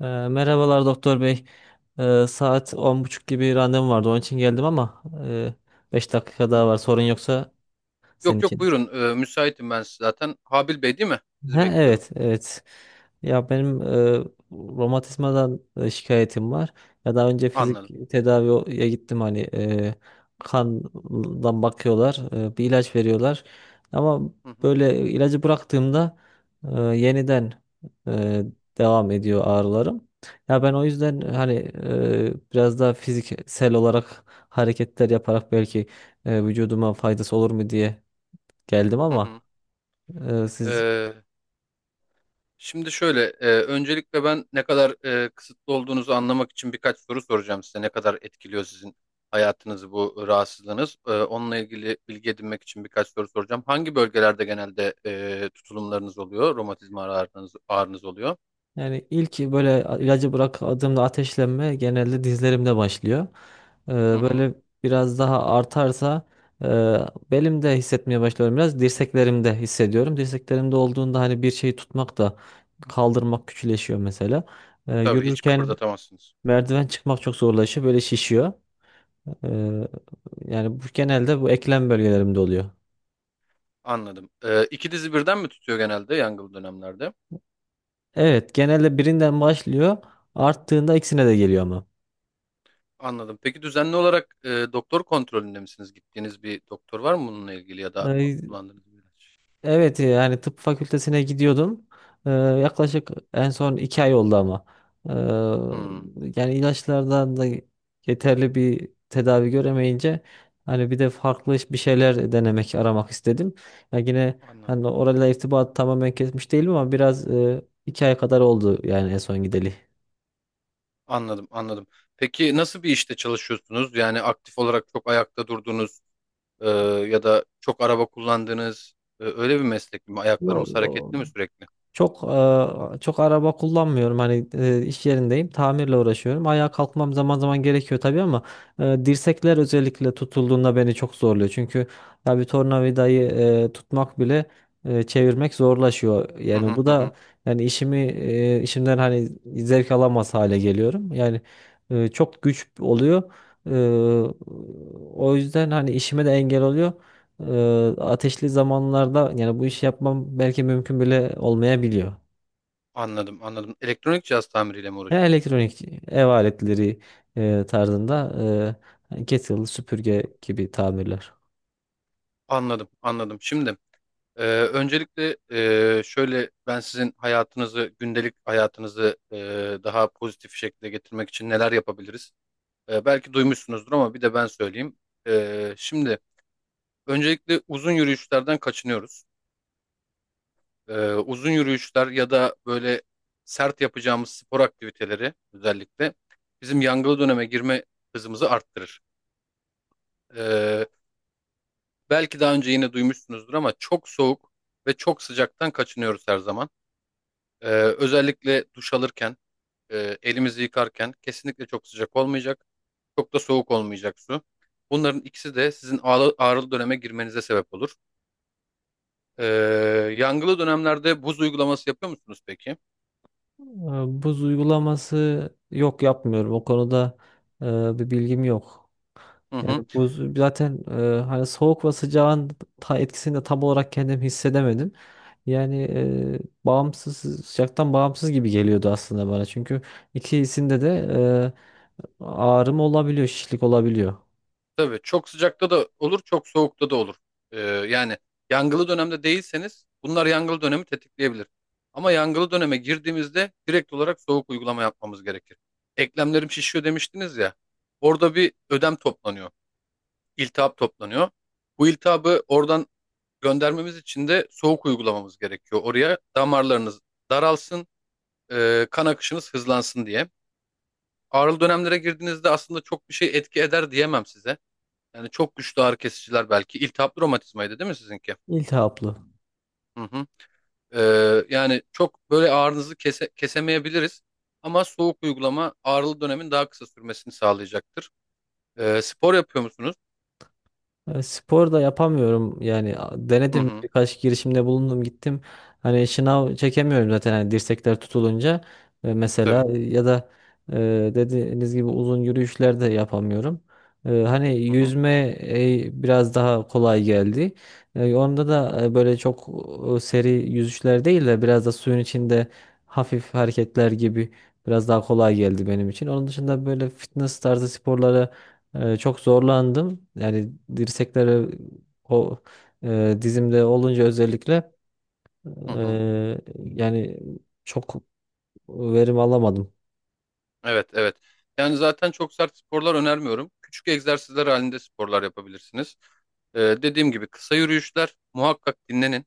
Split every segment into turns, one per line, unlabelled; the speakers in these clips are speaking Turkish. Merhabalar doktor bey. Saat 10:30 gibi randevum vardı. Onun için geldim ama 5 dakika daha var. Sorun yoksa senin
Yok yok
için.
buyurun. Müsaitim ben zaten. Habil Bey değil mi? Sizi
Ha,
bekliyordum.
evet, evet. Ya benim romatizmadan şikayetim var. Ya daha önce
Anladım.
fizik tedaviye gittim, hani kandan bakıyorlar, bir ilaç veriyorlar. Ama
Hı hı.
böyle ilacı bıraktığımda yeniden e, devam ediyor ağrılarım. Ya ben o yüzden hani biraz daha fiziksel olarak hareketler yaparak belki vücuduma faydası olur mu diye geldim
Hı
ama
hı.
siz...
Ee, Şimdi şöyle. Öncelikle ben ne kadar kısıtlı olduğunuzu anlamak için birkaç soru soracağım size. Ne kadar etkiliyor sizin hayatınızı bu rahatsızlığınız? Onunla ilgili bilgi edinmek için birkaç soru soracağım. Hangi bölgelerde genelde tutulumlarınız oluyor? Romatizma ağrınız, ağrınız oluyor?
Yani ilk böyle ilacı bıraktığımda ateşlenme genelde dizlerimde başlıyor.
Hı hı.
Böyle biraz daha artarsa e, belimde hissetmeye başlıyorum biraz. Dirseklerimde hissediyorum. Dirseklerimde olduğunda hani bir şeyi tutmak da, kaldırmak küçüleşiyor mesela.
Tabii hiç
Yürürken
kıpırdatamazsınız.
merdiven çıkmak çok zorlaşıyor. Böyle şişiyor. Ee, Yani bu genelde bu eklem bölgelerimde oluyor.
Anladım. İki dizi birden mi tutuyor genelde yangılı dönemlerde?
Evet, genelde birinden başlıyor. Arttığında ikisine de geliyor ama.
Anladım. Peki düzenli olarak doktor kontrolünde misiniz? Gittiğiniz bir doktor var mı bununla ilgili ya da
Ee,
kullandığınız bir ilaç?
Evet, yani tıp fakültesine gidiyordum. Yaklaşık en son 2 ay oldu ama. Ee,
Hmm,
Yani ilaçlardan da yeterli bir tedavi göremeyince hani bir de farklı bir şeyler denemek, aramak istedim. Yani yine
anladım.
hani orayla irtibat tamamen kesmiş değilim ama biraz, 2 ay kadar oldu yani en son gideli.
Anladım, anladım. Peki nasıl bir işte çalışıyorsunuz? Yani aktif olarak çok ayakta durduğunuz e, ya da çok araba kullandığınız öyle bir meslek mi? Ayaklarımız
Allah.
hareketli mi sürekli?
Çok Çok araba kullanmıyorum. Hani iş yerindeyim. Tamirle uğraşıyorum. Ayağa kalkmam zaman zaman gerekiyor tabii ama dirsekler özellikle tutulduğunda beni çok zorluyor. Çünkü ya bir tornavidayı tutmak bile çevirmek zorlaşıyor.
Hı
Yani
hı
bu
hı. Hı.
da, yani işimden hani zevk alamaz hale geliyorum. Yani çok güç oluyor. E, O yüzden hani işime de engel oluyor. Ateşli zamanlarda yani bu işi yapmam belki mümkün bile olmayabiliyor.
Anladım, anladım. Elektronik cihaz tamiriyle mi
Yani
uğraşıyorsunuz?
elektronik ev aletleri tarzında, kettle, süpürge gibi tamirler.
Anladım, anladım. Şimdi öncelikle şöyle ben sizin hayatınızı, gündelik hayatınızı daha pozitif şekilde getirmek için neler yapabiliriz? Belki duymuşsunuzdur ama bir de ben söyleyeyim. Şimdi öncelikle uzun yürüyüşlerden kaçınıyoruz. Uzun yürüyüşler ya da böyle sert yapacağımız spor aktiviteleri özellikle bizim yangılı döneme girme hızımızı arttırır. E, Belki daha önce yine duymuşsunuzdur ama çok soğuk ve çok sıcaktan kaçınıyoruz her zaman. Ee, Özellikle duş alırken, elimizi yıkarken kesinlikle çok sıcak olmayacak, çok da soğuk olmayacak su. Bunların ikisi de sizin ağrılı döneme girmenize sebep olur. Ee, Yangılı dönemlerde buz uygulaması yapıyor musunuz peki?
Eee, Buz uygulaması, yok, yapmıyorum. O konuda eee, bir bilgim yok.
Hı hı.
Yani buz zaten, hani soğuk ve sıcağın etkisini de tam olarak kendim hissedemedim. Yani, sıcaktan bağımsız gibi geliyordu aslında bana. Çünkü ikisinde de ağrım olabiliyor, şişlik olabiliyor.
Tabii çok sıcakta da olur, çok soğukta da olur. Yani yangılı dönemde değilseniz bunlar yangılı dönemi tetikleyebilir. Ama yangılı döneme girdiğimizde direkt olarak soğuk uygulama yapmamız gerekir. Eklemlerim şişiyor demiştiniz ya. Orada bir ödem toplanıyor. İltihap toplanıyor. Bu iltihabı oradan göndermemiz için de soğuk uygulamamız gerekiyor. Oraya damarlarınız daralsın, kan akışınız hızlansın diye. Ağrılı dönemlere girdiğinizde aslında çok bir şey etki eder diyemem size. Yani çok güçlü ağrı kesiciler belki. İltihaplı romatizmaydı değil mi sizinki?
İltihaplı.
Hı hı. E, Yani çok böyle ağrınızı kesemeyebiliriz. Ama soğuk uygulama ağrılı dönemin daha kısa sürmesini sağlayacaktır. Spor yapıyor musunuz?
Spor da yapamıyorum yani,
Hı
denedim,
hı.
birkaç girişimde bulundum, gittim hani şınav çekemiyorum zaten hani dirsekler tutulunca... Mesela,
Tabii.
ya da e, dediğiniz gibi uzun yürüyüşler de yapamıyorum. Hani
Hı hı.
yüzme biraz daha kolay geldi. Onda da böyle çok seri yüzüşler değil de biraz da suyun içinde hafif hareketler gibi biraz daha kolay geldi benim için. Onun dışında böyle fitness tarzı sporlara çok zorlandım. Yani o dizimde olunca özellikle,
Hı hı.
e, yani çok verim alamadım.
Evet, evet. Yani zaten çok sert sporlar önermiyorum. Küçük egzersizler halinde sporlar yapabilirsiniz. Dediğim gibi kısa yürüyüşler muhakkak dinlenin.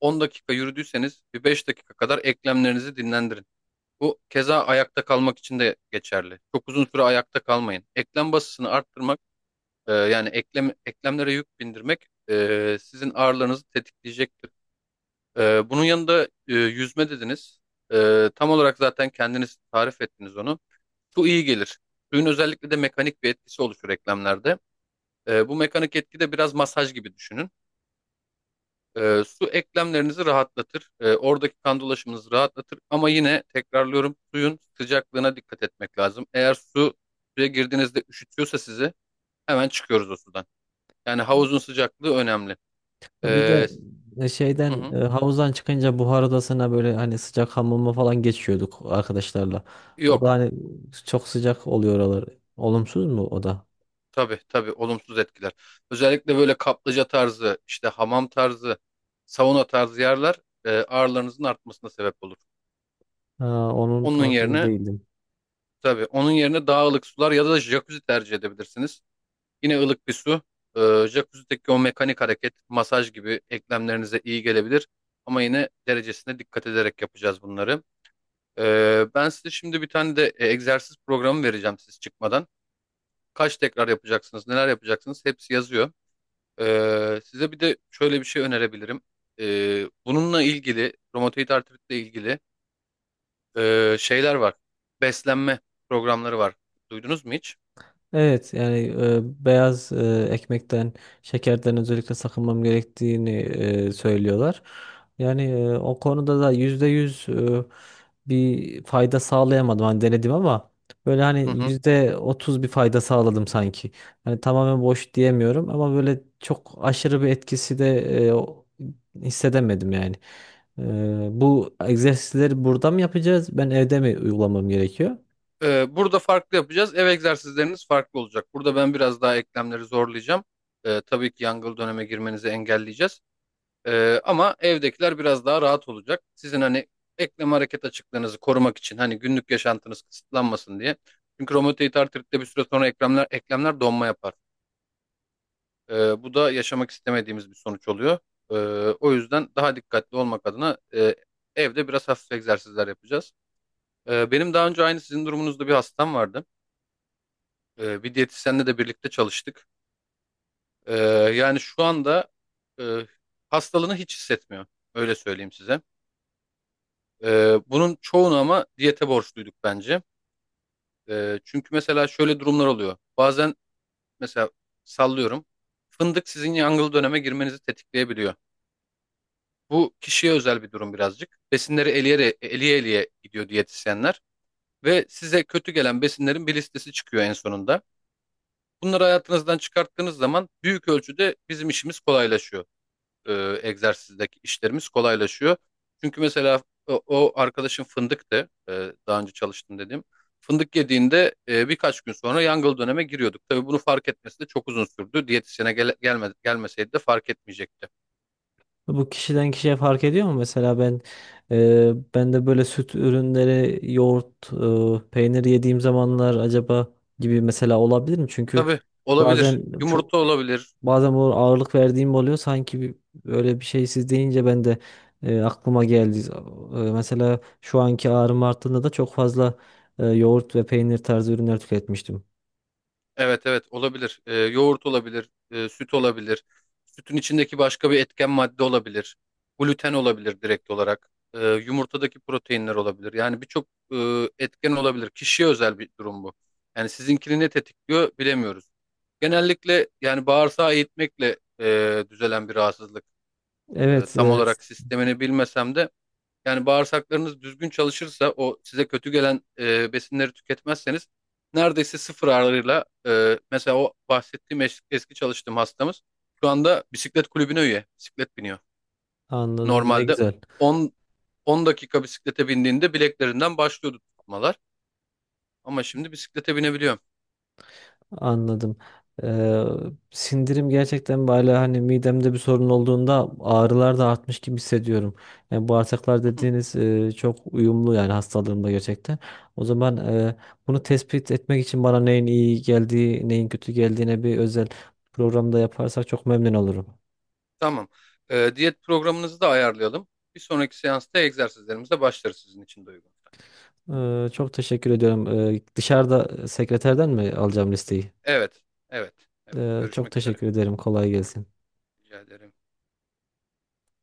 10 dakika yürüdüyseniz bir 5 dakika kadar eklemlerinizi dinlendirin. Bu keza ayakta kalmak için de geçerli. Çok uzun süre ayakta kalmayın. Eklem basısını arttırmak, yani eklemlere yük bindirmek sizin ağrılarınızı tetikleyecektir. Bunun yanında yüzme dediniz. Tam olarak zaten kendiniz tarif ettiniz onu. Su iyi gelir. Suyun özellikle de mekanik bir etkisi oluşur eklemlerde. Bu mekanik etki de biraz masaj gibi düşünün. Su eklemlerinizi rahatlatır. Oradaki kan dolaşımınızı rahatlatır. Ama yine tekrarlıyorum suyun sıcaklığına dikkat etmek lazım. Eğer suya girdiğinizde üşütüyorsa sizi hemen çıkıyoruz o sudan. Yani havuzun sıcaklığı önemli.
Bir
Ee,
de
hı hı.
havuzdan çıkınca buhar odasına böyle hani sıcak hamama falan geçiyorduk arkadaşlarla. O da
Yok.
hani çok sıcak oluyor oralar. Olumsuz mu o da?
Tabii tabii olumsuz etkiler. Özellikle böyle kaplıca tarzı, işte hamam tarzı, sauna tarzı yerler ağrılarınızın artmasına sebep olur.
Ha, onun
Onun
farkında
yerine
değildim.
tabii onun yerine daha ılık sular ya da jacuzzi tercih edebilirsiniz. Yine ılık bir su. Ee, Jacuzzi'deki o mekanik hareket, masaj gibi eklemlerinize iyi gelebilir. Ama yine derecesine dikkat ederek yapacağız bunları. Ben size şimdi bir tane de egzersiz programı vereceğim siz çıkmadan. Kaç tekrar yapacaksınız, neler yapacaksınız hepsi yazıyor. Size bir de şöyle bir şey önerebilirim. Bununla ilgili, romatoid artritle ilgili şeyler var. Beslenme programları var. Duydunuz mu hiç?
Evet, yani beyaz ekmekten, şekerden özellikle sakınmam gerektiğini söylüyorlar. Yani, o konuda da %100 bir fayda sağlayamadım. Hani denedim ama böyle
Hı
hani
hı.
%30 bir fayda sağladım sanki. Hani tamamen boş diyemiyorum ama böyle çok aşırı bir etkisi de e, o- hissedemedim yani. Bu egzersizleri burada mı yapacağız? Ben evde mi uygulamam gerekiyor?
Burada farklı yapacağız. Ev egzersizleriniz farklı olacak. Burada ben biraz daha eklemleri zorlayacağım. Tabii ki yangıl döneme girmenizi engelleyeceğiz. Ama evdekiler biraz daha rahat olacak. Sizin hani eklem hareket açıklığınızı korumak için hani günlük yaşantınız kısıtlanmasın diye. Çünkü romatoid artritte bir süre sonra eklemler donma yapar. Bu da yaşamak istemediğimiz bir sonuç oluyor. Ee, O yüzden daha dikkatli olmak adına evde biraz hafif egzersizler yapacağız. Benim daha önce aynı sizin durumunuzda bir hastam vardı. Bir diyetisyenle de birlikte çalıştık. Ee, Yani şu anda e, hastalığını hiç hissetmiyor. Öyle söyleyeyim size. Bunun çoğunu ama diyete borçluyduk bence. Çünkü mesela şöyle durumlar oluyor. Bazen mesela sallıyorum. Fındık sizin yangıl döneme girmenizi tetikleyebiliyor. Bu kişiye özel bir durum birazcık. Besinleri eleye eliye gidiyor diyetisyenler ve size kötü gelen besinlerin bir listesi çıkıyor en sonunda. Bunları hayatınızdan çıkarttığınız zaman büyük ölçüde bizim işimiz kolaylaşıyor. Egzersizdeki işlerimiz kolaylaşıyor. Çünkü mesela o arkadaşım fındıktı. Daha önce çalıştım dediğim. Fındık yediğinde birkaç gün sonra yangıl döneme giriyorduk. Tabii bunu fark etmesi de çok uzun sürdü. Diyetisyene gelmeseydi de fark etmeyecekti.
Bu kişiden kişiye fark ediyor mu? Mesela ben de böyle süt ürünleri, yoğurt, peynir yediğim zamanlar acaba gibi mesela olabilir mi? Çünkü
Tabii olabilir.
bazen çok,
Yumurta olabilir.
bu ağırlık verdiğim oluyor. Öyle bir şey siz deyince ben de, aklıma geldi. Mesela şu anki ağrım arttığında da çok fazla yoğurt ve peynir tarzı ürünler tüketmiştim.
Evet evet olabilir. Yoğurt olabilir, süt olabilir. Sütün içindeki başka bir etken madde olabilir. Gluten olabilir direkt olarak. Yumurtadaki proteinler olabilir. Yani birçok etken olabilir. Kişiye özel bir durum bu. Yani sizinkini ne tetikliyor bilemiyoruz. Genellikle yani bağırsağı eğitmekle düzelen bir rahatsızlık.
Evet,
Tam
evet,
olarak sistemini bilmesem de yani bağırsaklarınız düzgün çalışırsa o size kötü gelen besinleri tüketmezseniz neredeyse sıfır ağırlığıyla mesela o bahsettiğim eski çalıştığım hastamız şu anda bisiklet kulübüne üye. Bisiklet biniyor.
anladım. Ne
Normalde
güzel.
10 10 dakika bisiklete bindiğinde bileklerinden başlıyordu tutmalar ama şimdi bisiklete binebiliyor.
Anladım. Ee, Sindirim gerçekten, böyle hani midemde bir sorun olduğunda ağrılar da artmış gibi hissediyorum. Yani bağırsaklar
Hı hı.
dediğiniz çok uyumlu yani hastalığımda gerçekten. O zaman, bunu tespit etmek için bana neyin iyi geldiği, neyin kötü geldiğine bir özel programda yaparsak çok memnun olurum.
Tamam. Diyet programınızı da ayarlayalım. Bir sonraki seansta egzersizlerimize başlarız sizin için de uygun.
Çok teşekkür ediyorum. Dışarıda sekreterden mi alacağım listeyi?
Evet, evet, evet.
Çok
Görüşmek üzere.
teşekkür ederim. Kolay gelsin.
Rica ederim.